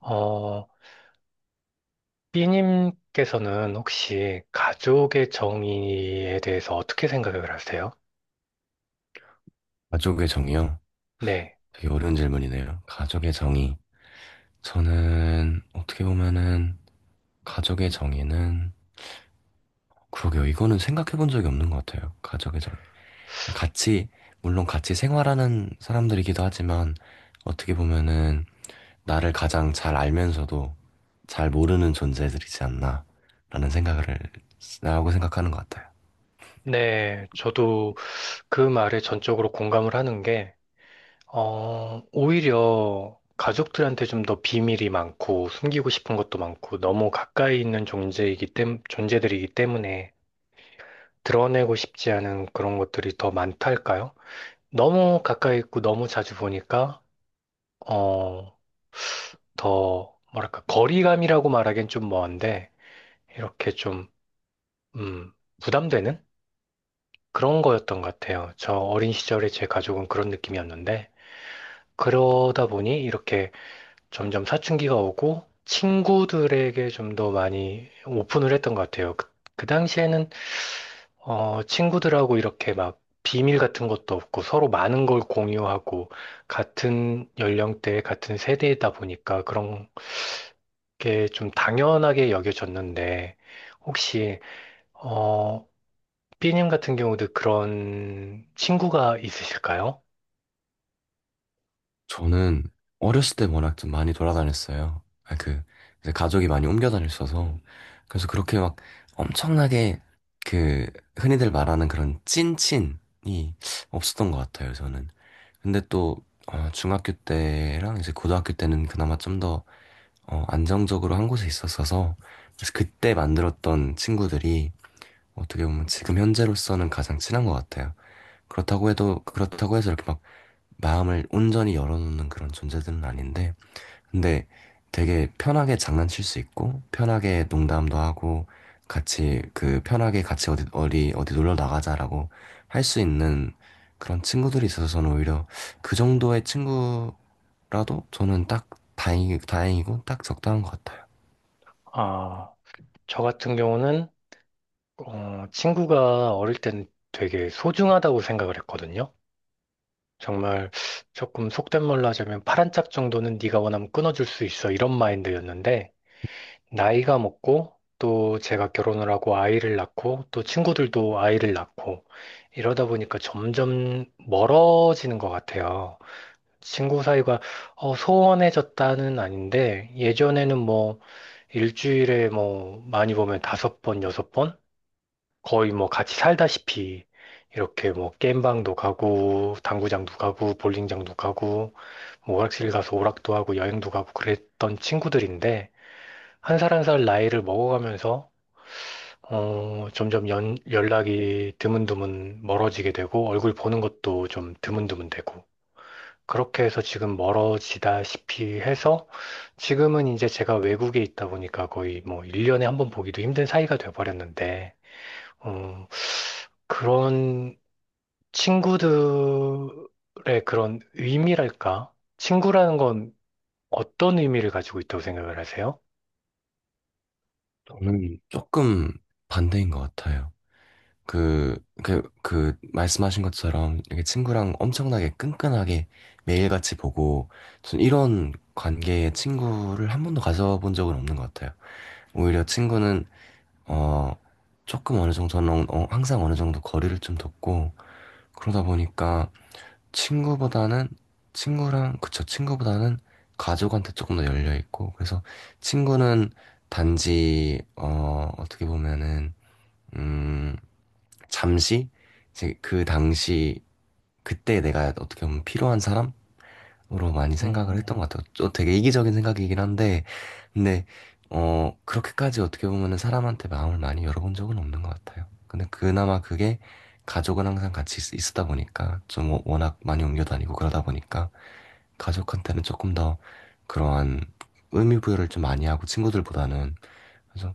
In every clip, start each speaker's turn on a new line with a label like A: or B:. A: 어, B님께서는 혹시 가족의 정의에 대해서 어떻게 생각을 하세요?
B: 가족의 정의요?
A: 네.
B: 되게 어려운 질문이네요. 가족의 정의. 저는 어떻게 보면은 가족의 정의는 그러게요. 이거는 생각해 본 적이 없는 것 같아요. 가족의 정의. 그냥 같이, 물론 같이 생활하는 사람들이기도 하지만 어떻게 보면은 나를 가장 잘 알면서도 잘 모르는 존재들이지 않나라는 생각을, 라고 생각하는 것 같아요.
A: 네, 저도 그 말에 전적으로 공감을 하는 게, 오히려 가족들한테 좀 더 비밀이 많고, 숨기고 싶은 것도 많고, 너무 가까이 있는 존재들이기 때문에 드러내고 싶지 않은 그런 것들이 더 많달까요? 너무 가까이 있고, 너무 자주 보니까, 어, 더, 뭐랄까, 거리감이라고 말하기엔 좀 먼데, 이렇게 좀, 음, 부담되는 그런 거였던 것 같아요. 저 어린 시절에 제 가족은 그런 느낌이었는데, 그러다 보니 이렇게 점점 사춘기가 오고, 친구들에게 좀 더 많이 오픈을 했던 것 같아요. 그 당시에는, 친구들하고 이렇게 막 비밀 같은 것도 없고, 서로 많은 걸 공유하고, 같은 연령대, 같은 세대이다 보니까 그런 그게 좀 당연하게 여겨졌는데, 혹시, 어, B님 같은 경우도 그런 친구가 있으실까요?
B: 저는 어렸을 때 워낙 좀 많이 돌아다녔어요. 이제 가족이 많이 옮겨 다녔어서. 그래서 그렇게 막 엄청나게 그, 흔히들 말하는 그런 찐친이 없었던 것 같아요, 저는. 근데 또, 중학교 때랑 이제 고등학교 때는 그나마 좀 더, 안정적으로 한 곳에 있었어서. 그래서 그때 만들었던 친구들이 어떻게 보면 지금 현재로서는 가장 친한 것 같아요. 그렇다고 해서 이렇게 막 마음을 온전히 열어놓는 그런 존재들은 아닌데, 근데 되게 편하게 장난칠 수 있고, 편하게 농담도 하고, 같이, 편하게 같이 어디 놀러 나가자라고 할 수 있는 그런 친구들이 있어서 저는 오히려 그 정도의 친구라도 저는 딱 다행이고, 딱 적당한 것 같아요.
A: 아, 저 같은 경우는, 친구가 어릴 땐 되게 소중하다고 생각을 했거든요. 정말 조금 속된 말로 하자면 파란 짝 정도는 네가 원하면 끊어줄 수 있어 이런 마인드였는데, 나이가 먹고 또 제가 결혼을 하고 아이를 낳고 또 친구들도 아이를 낳고 이러다 보니까 점점 멀어지는 것 같아요. 친구 사이가 소원해졌다는 아닌데 예전에는 뭐 일주일에 뭐 많이 보면 다섯 번, 여섯 번 거의 뭐 같이 살다시피 이렇게 뭐 게임방도 가고 당구장도 가고 볼링장도 가고 뭐 오락실 가서 오락도 하고 여행도 가고 그랬던 친구들인데 한 살 한 살 나이를 먹어가면서 점점 연락이 드문드문 멀어지게 되고, 얼굴 보는 것도 좀 드문드문 되고. 그렇게 해서 지금 멀어지다시피 해서, 지금은 이제 제가 외국에 있다 보니까 거의 뭐 1년에 한번 보기도 힘든 사이가 돼버렸는데, 어, 그런 친구들의 그런 의미랄까? 친구라는 건 어떤 의미를 가지고 있다고 생각을 하세요?
B: 저는 조금 반대인 것 같아요. 말씀하신 것처럼, 이렇게 친구랑 엄청나게 끈끈하게 매일같이 보고, 전 이런 관계의 친구를 한 번도 가져본 적은 없는 것 같아요. 오히려 친구는, 어, 조금 어느 정도는, 항상 어느 정도 거리를 좀 뒀고, 그러다 보니까 친구보다는, 그쵸, 친구보다는 가족한테 조금 더 열려있고, 그래서 친구는 단지, 어떻게 보면은, 음, 잠시 이제 그 당시 그때 내가 어떻게 보면 필요한 사람으로 많이 생각을
A: 음,
B: 했던 것 같아요. 또 되게 이기적인 생각이긴 한데 근데 그렇게까지 어떻게 보면은 사람한테 마음을 많이 열어본 적은 없는 것 같아요. 근데 그나마 그게 가족은 항상 있었다 보니까 좀 워낙 많이 옮겨 다니고 그러다 보니까 가족한테는 조금 더 그러한 의미 부여를 좀 많이 하고 친구들보다는 그래서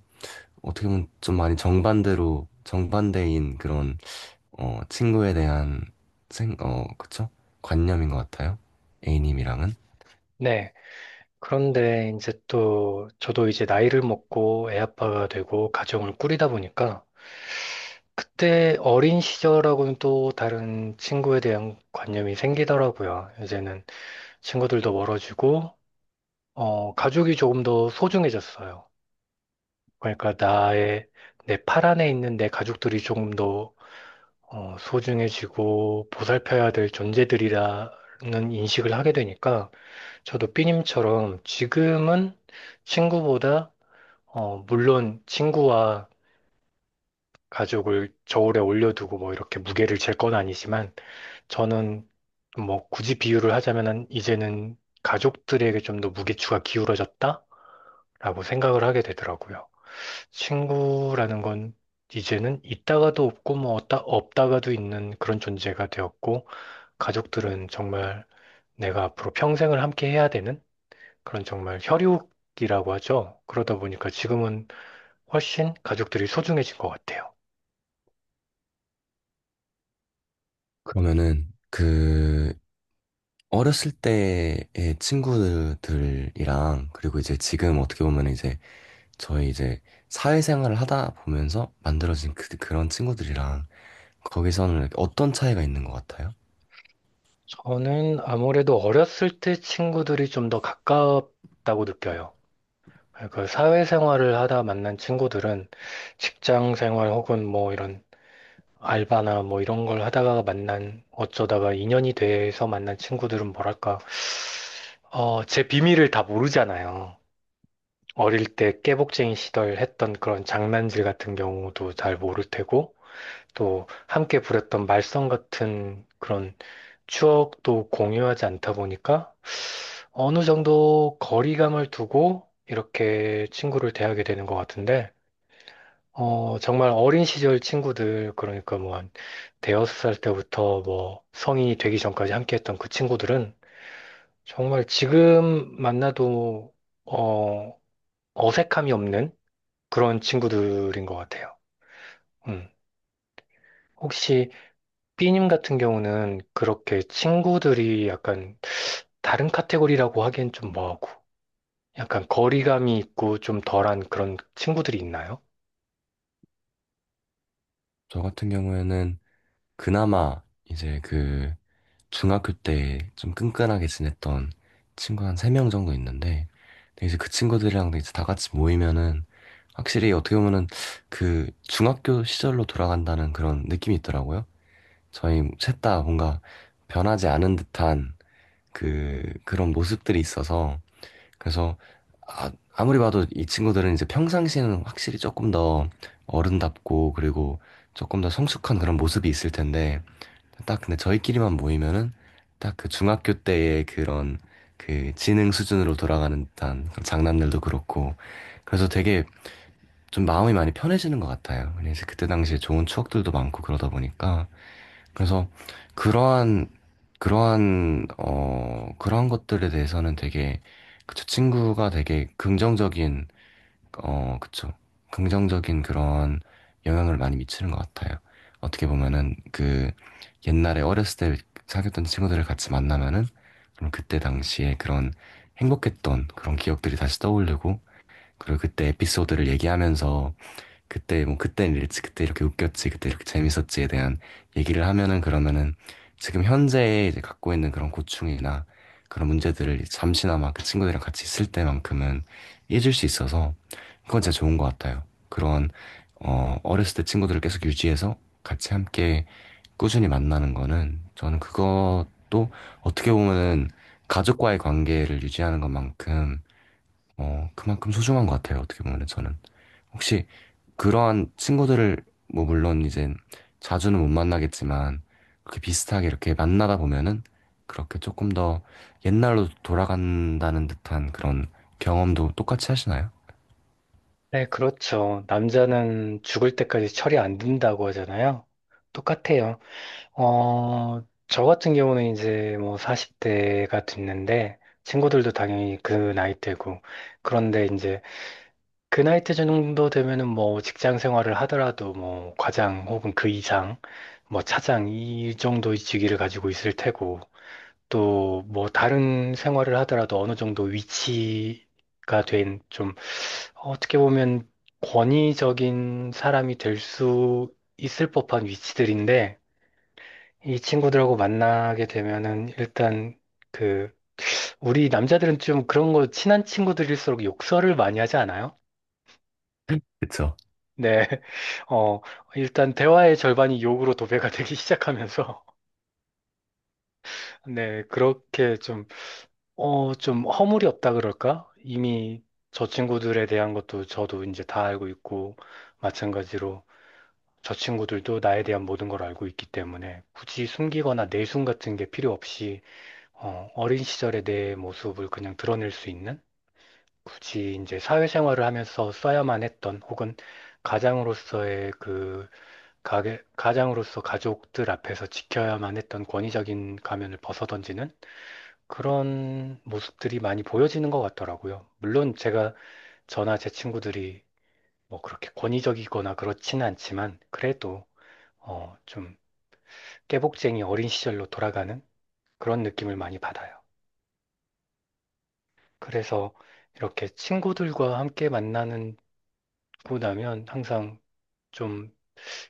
B: 어떻게 보면 좀 많이 정반대로 정반대인 그런 친구에 대한 그쵸? 관념인 것 같아요. A님이랑은.
A: 네. 그런데 이제 또 저도 이제 나이를 먹고 애 아빠가 되고 가정을 꾸리다 보니까 그때 어린 시절하고는 또 다른 친구에 대한 관념이 생기더라고요. 이제는 친구들도 멀어지고 가족이 조금 더 소중해졌어요. 그러니까 나의 내 팔 안에 있는 내 가족들이 조금 더 소중해지고 보살펴야 될 존재들이라는 인식을 하게 되니까 저도 삐님처럼 지금은 친구보다 물론 친구와 가족을 저울에 올려두고 뭐 이렇게 무게를 잴 건 아니지만 저는 뭐 굳이 비유를 하자면은 이제는 가족들에게 좀 더 무게추가 기울어졌다라고 생각을 하게 되더라고요. 친구라는 건 이제는 있다가도 없고 뭐 없다가도 있는 그런 존재가 되었고 가족들은 정말 내가 앞으로 평생을 함께 해야 되는 그런 정말 혈육이라고 하죠. 그러다 보니까 지금은 훨씬 가족들이 소중해진 것 같아요.
B: 그러면은 그 어렸을 때의 친구들이랑 그리고 이제 지금 어떻게 보면 이제 저희 이제 사회생활을 하다 보면서 만들어진 그런 친구들이랑 거기서는 어떤 차이가 있는 것 같아요?
A: 저는 아무래도 어렸을 때 친구들이 좀 더 가깝다고 느껴요. 그 사회생활을 하다 만난 친구들은 직장 생활 혹은 뭐 이런 알바나 뭐 이런 걸 하다가 만난 어쩌다가 인연이 돼서 만난 친구들은 뭐랄까 제 비밀을 다 모르잖아요. 어릴 때 깨복쟁이 시절 했던 그런 장난질 같은 경우도 잘 모를 테고 또 함께 부렸던 말썽 같은 그런 추억도 공유하지 않다 보니까 어느 정도 거리감을 두고 이렇게 친구를 대하게 되는 것 같은데, 정말 어린 시절 친구들, 그러니까 뭐 한 대여섯 살 때부터 뭐 성인이 되기 전까지 함께 했던 그 친구들은 정말 지금 만나도, 어, 어색함이 없는 그런 친구들인 것 같아요. 음. 혹시 B님 같은 경우는 그렇게 친구들이 약간 다른 카테고리라고 하기엔 좀 뭐하고, 약간 거리감이 있고 좀 덜한 그런 친구들이 있나요?
B: 저 같은 경우에는 그나마 이제 그 중학교 때 좀 끈끈하게 지냈던 친구 한 세 명 정도 있는데, 근데 이제 그 친구들이랑도 이제 다 같이 모이면은, 확실히 어떻게 보면은 그 중학교 시절로 돌아간다는 그런 느낌이 있더라고요. 저희 셋 다 뭔가 변하지 않은 듯한 그런 모습들이 있어서, 그래서, 아무리 봐도 이 친구들은 이제 평상시에는 확실히 조금 더 어른답고, 그리고 조금 더 성숙한 그런 모습이 있을 텐데, 딱 근데 저희끼리만 모이면은 딱 그 중학교 때의 그런 그 지능 수준으로 돌아가는 듯한 그런 장난들도 그렇고 그래서 되게 좀 마음이 많이 편해지는 것 같아요. 왜냐면 이제 그때 당시에 좋은 추억들도 많고 그러다 보니까 그래서 그러한 그러한 그러한 것들에 대해서는 되게 그저 친구가 되게 긍정적인 그쵸. 긍정적인 그런 영향을 많이 미치는 것 같아요. 어떻게 보면은 그 옛날에 어렸을 때 사귀었던 친구들을 같이 만나면은 그럼 그때 당시에 그런 행복했던 그런 기억들이 다시 떠오르고 그리고 그때 에피소드를 얘기하면서 그때 뭐 그땐 이랬지 그때 이렇게 웃겼지 그때 이렇게 재밌었지에 대한 얘기를 하면은 그러면은 지금 현재 이제 갖고 있는 그런 고충이나 그런 문제들을 잠시나마 그 친구들이랑 같이 있을 때만큼은 잊을 수 있어서 그건 진짜 좋은 것 같아요. 그런 어렸을 때 친구들을 계속 유지해서 같이 함께 꾸준히 만나는 거는 저는 그것도 어떻게 보면은 가족과의 관계를 유지하는 것만큼 그만큼 소중한 것 같아요. 어떻게 보면은 저는. 혹시 그러한 친구들을 뭐 물론 이제 자주는 못 만나겠지만 그렇게 비슷하게 이렇게 만나다 보면은 그렇게 조금 더 옛날로 돌아간다는 듯한 그런 경험도 똑같이 하시나요?
A: 네, 그렇죠. 남자는 죽을 때까지 철이 안 든다고 하잖아요. 똑같아요. 어, 저 같은 경우는 이제 뭐 40대가 됐는데, 친구들도 당연히 그 나이대고, 그런데 이제 그 나이대 정도 되면은 뭐 직장 생활을 하더라도 뭐 과장 혹은 그 이상, 뭐 차장 이 정도의 직위를 가지고 있을 테고, 또 뭐 다른 생활을 하더라도 어느 정도 위치가 된 좀 어떻게 보면 권위적인 사람이 될 수 있을 법한 위치들인데 이 친구들하고 만나게 되면은 일단 그 우리 남자들은 좀 그런 거 친한 친구들일수록 욕설을 많이 하지 않아요?
B: 그쵸.
A: 네. 어, 일단 대화의 절반이 욕으로 도배가 되기 시작하면서 네, 그렇게 좀 좀 허물이 없다 그럴까? 이미 저 친구들에 대한 것도 저도 이제 다 알고 있고, 마찬가지로 저 친구들도 나에 대한 모든 걸 알고 있기 때문에 굳이 숨기거나 내숭 같은 게 필요 없이, 어린 시절의 내 모습을 그냥 드러낼 수 있는? 굳이 이제 사회생활을 하면서 써야만 했던 혹은 가장으로서의 그, 가장으로서 가족들 앞에서 지켜야만 했던 권위적인 가면을 벗어던지는 그런 모습들이 많이 보여지는 것 같더라고요. 물론 제가 저나 제 친구들이 뭐 그렇게 권위적이거나 그렇지는 않지만 그래도 좀 깨복쟁이 어린 시절로 돌아가는 그런 느낌을 많이 받아요. 그래서 이렇게 친구들과 함께 만나고 나면 항상 좀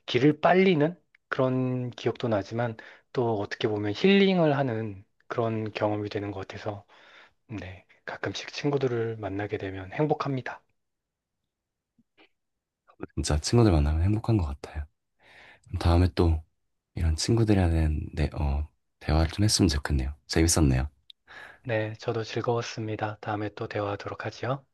A: 길을 빨리는 그런 기억도 나지만 또 어떻게 보면 힐링을 하는 그런 경험이 되는 것 같아서 네, 가끔씩 친구들을 만나게 되면 행복합니다.
B: 진짜 친구들 만나면 행복한 것 같아요. 그럼 다음에 또 이런 친구들에 대한 네, 대화를 좀 했으면 좋겠네요. 재밌었네요.
A: 네, 저도 즐거웠습니다. 다음에 또 대화하도록 하지요.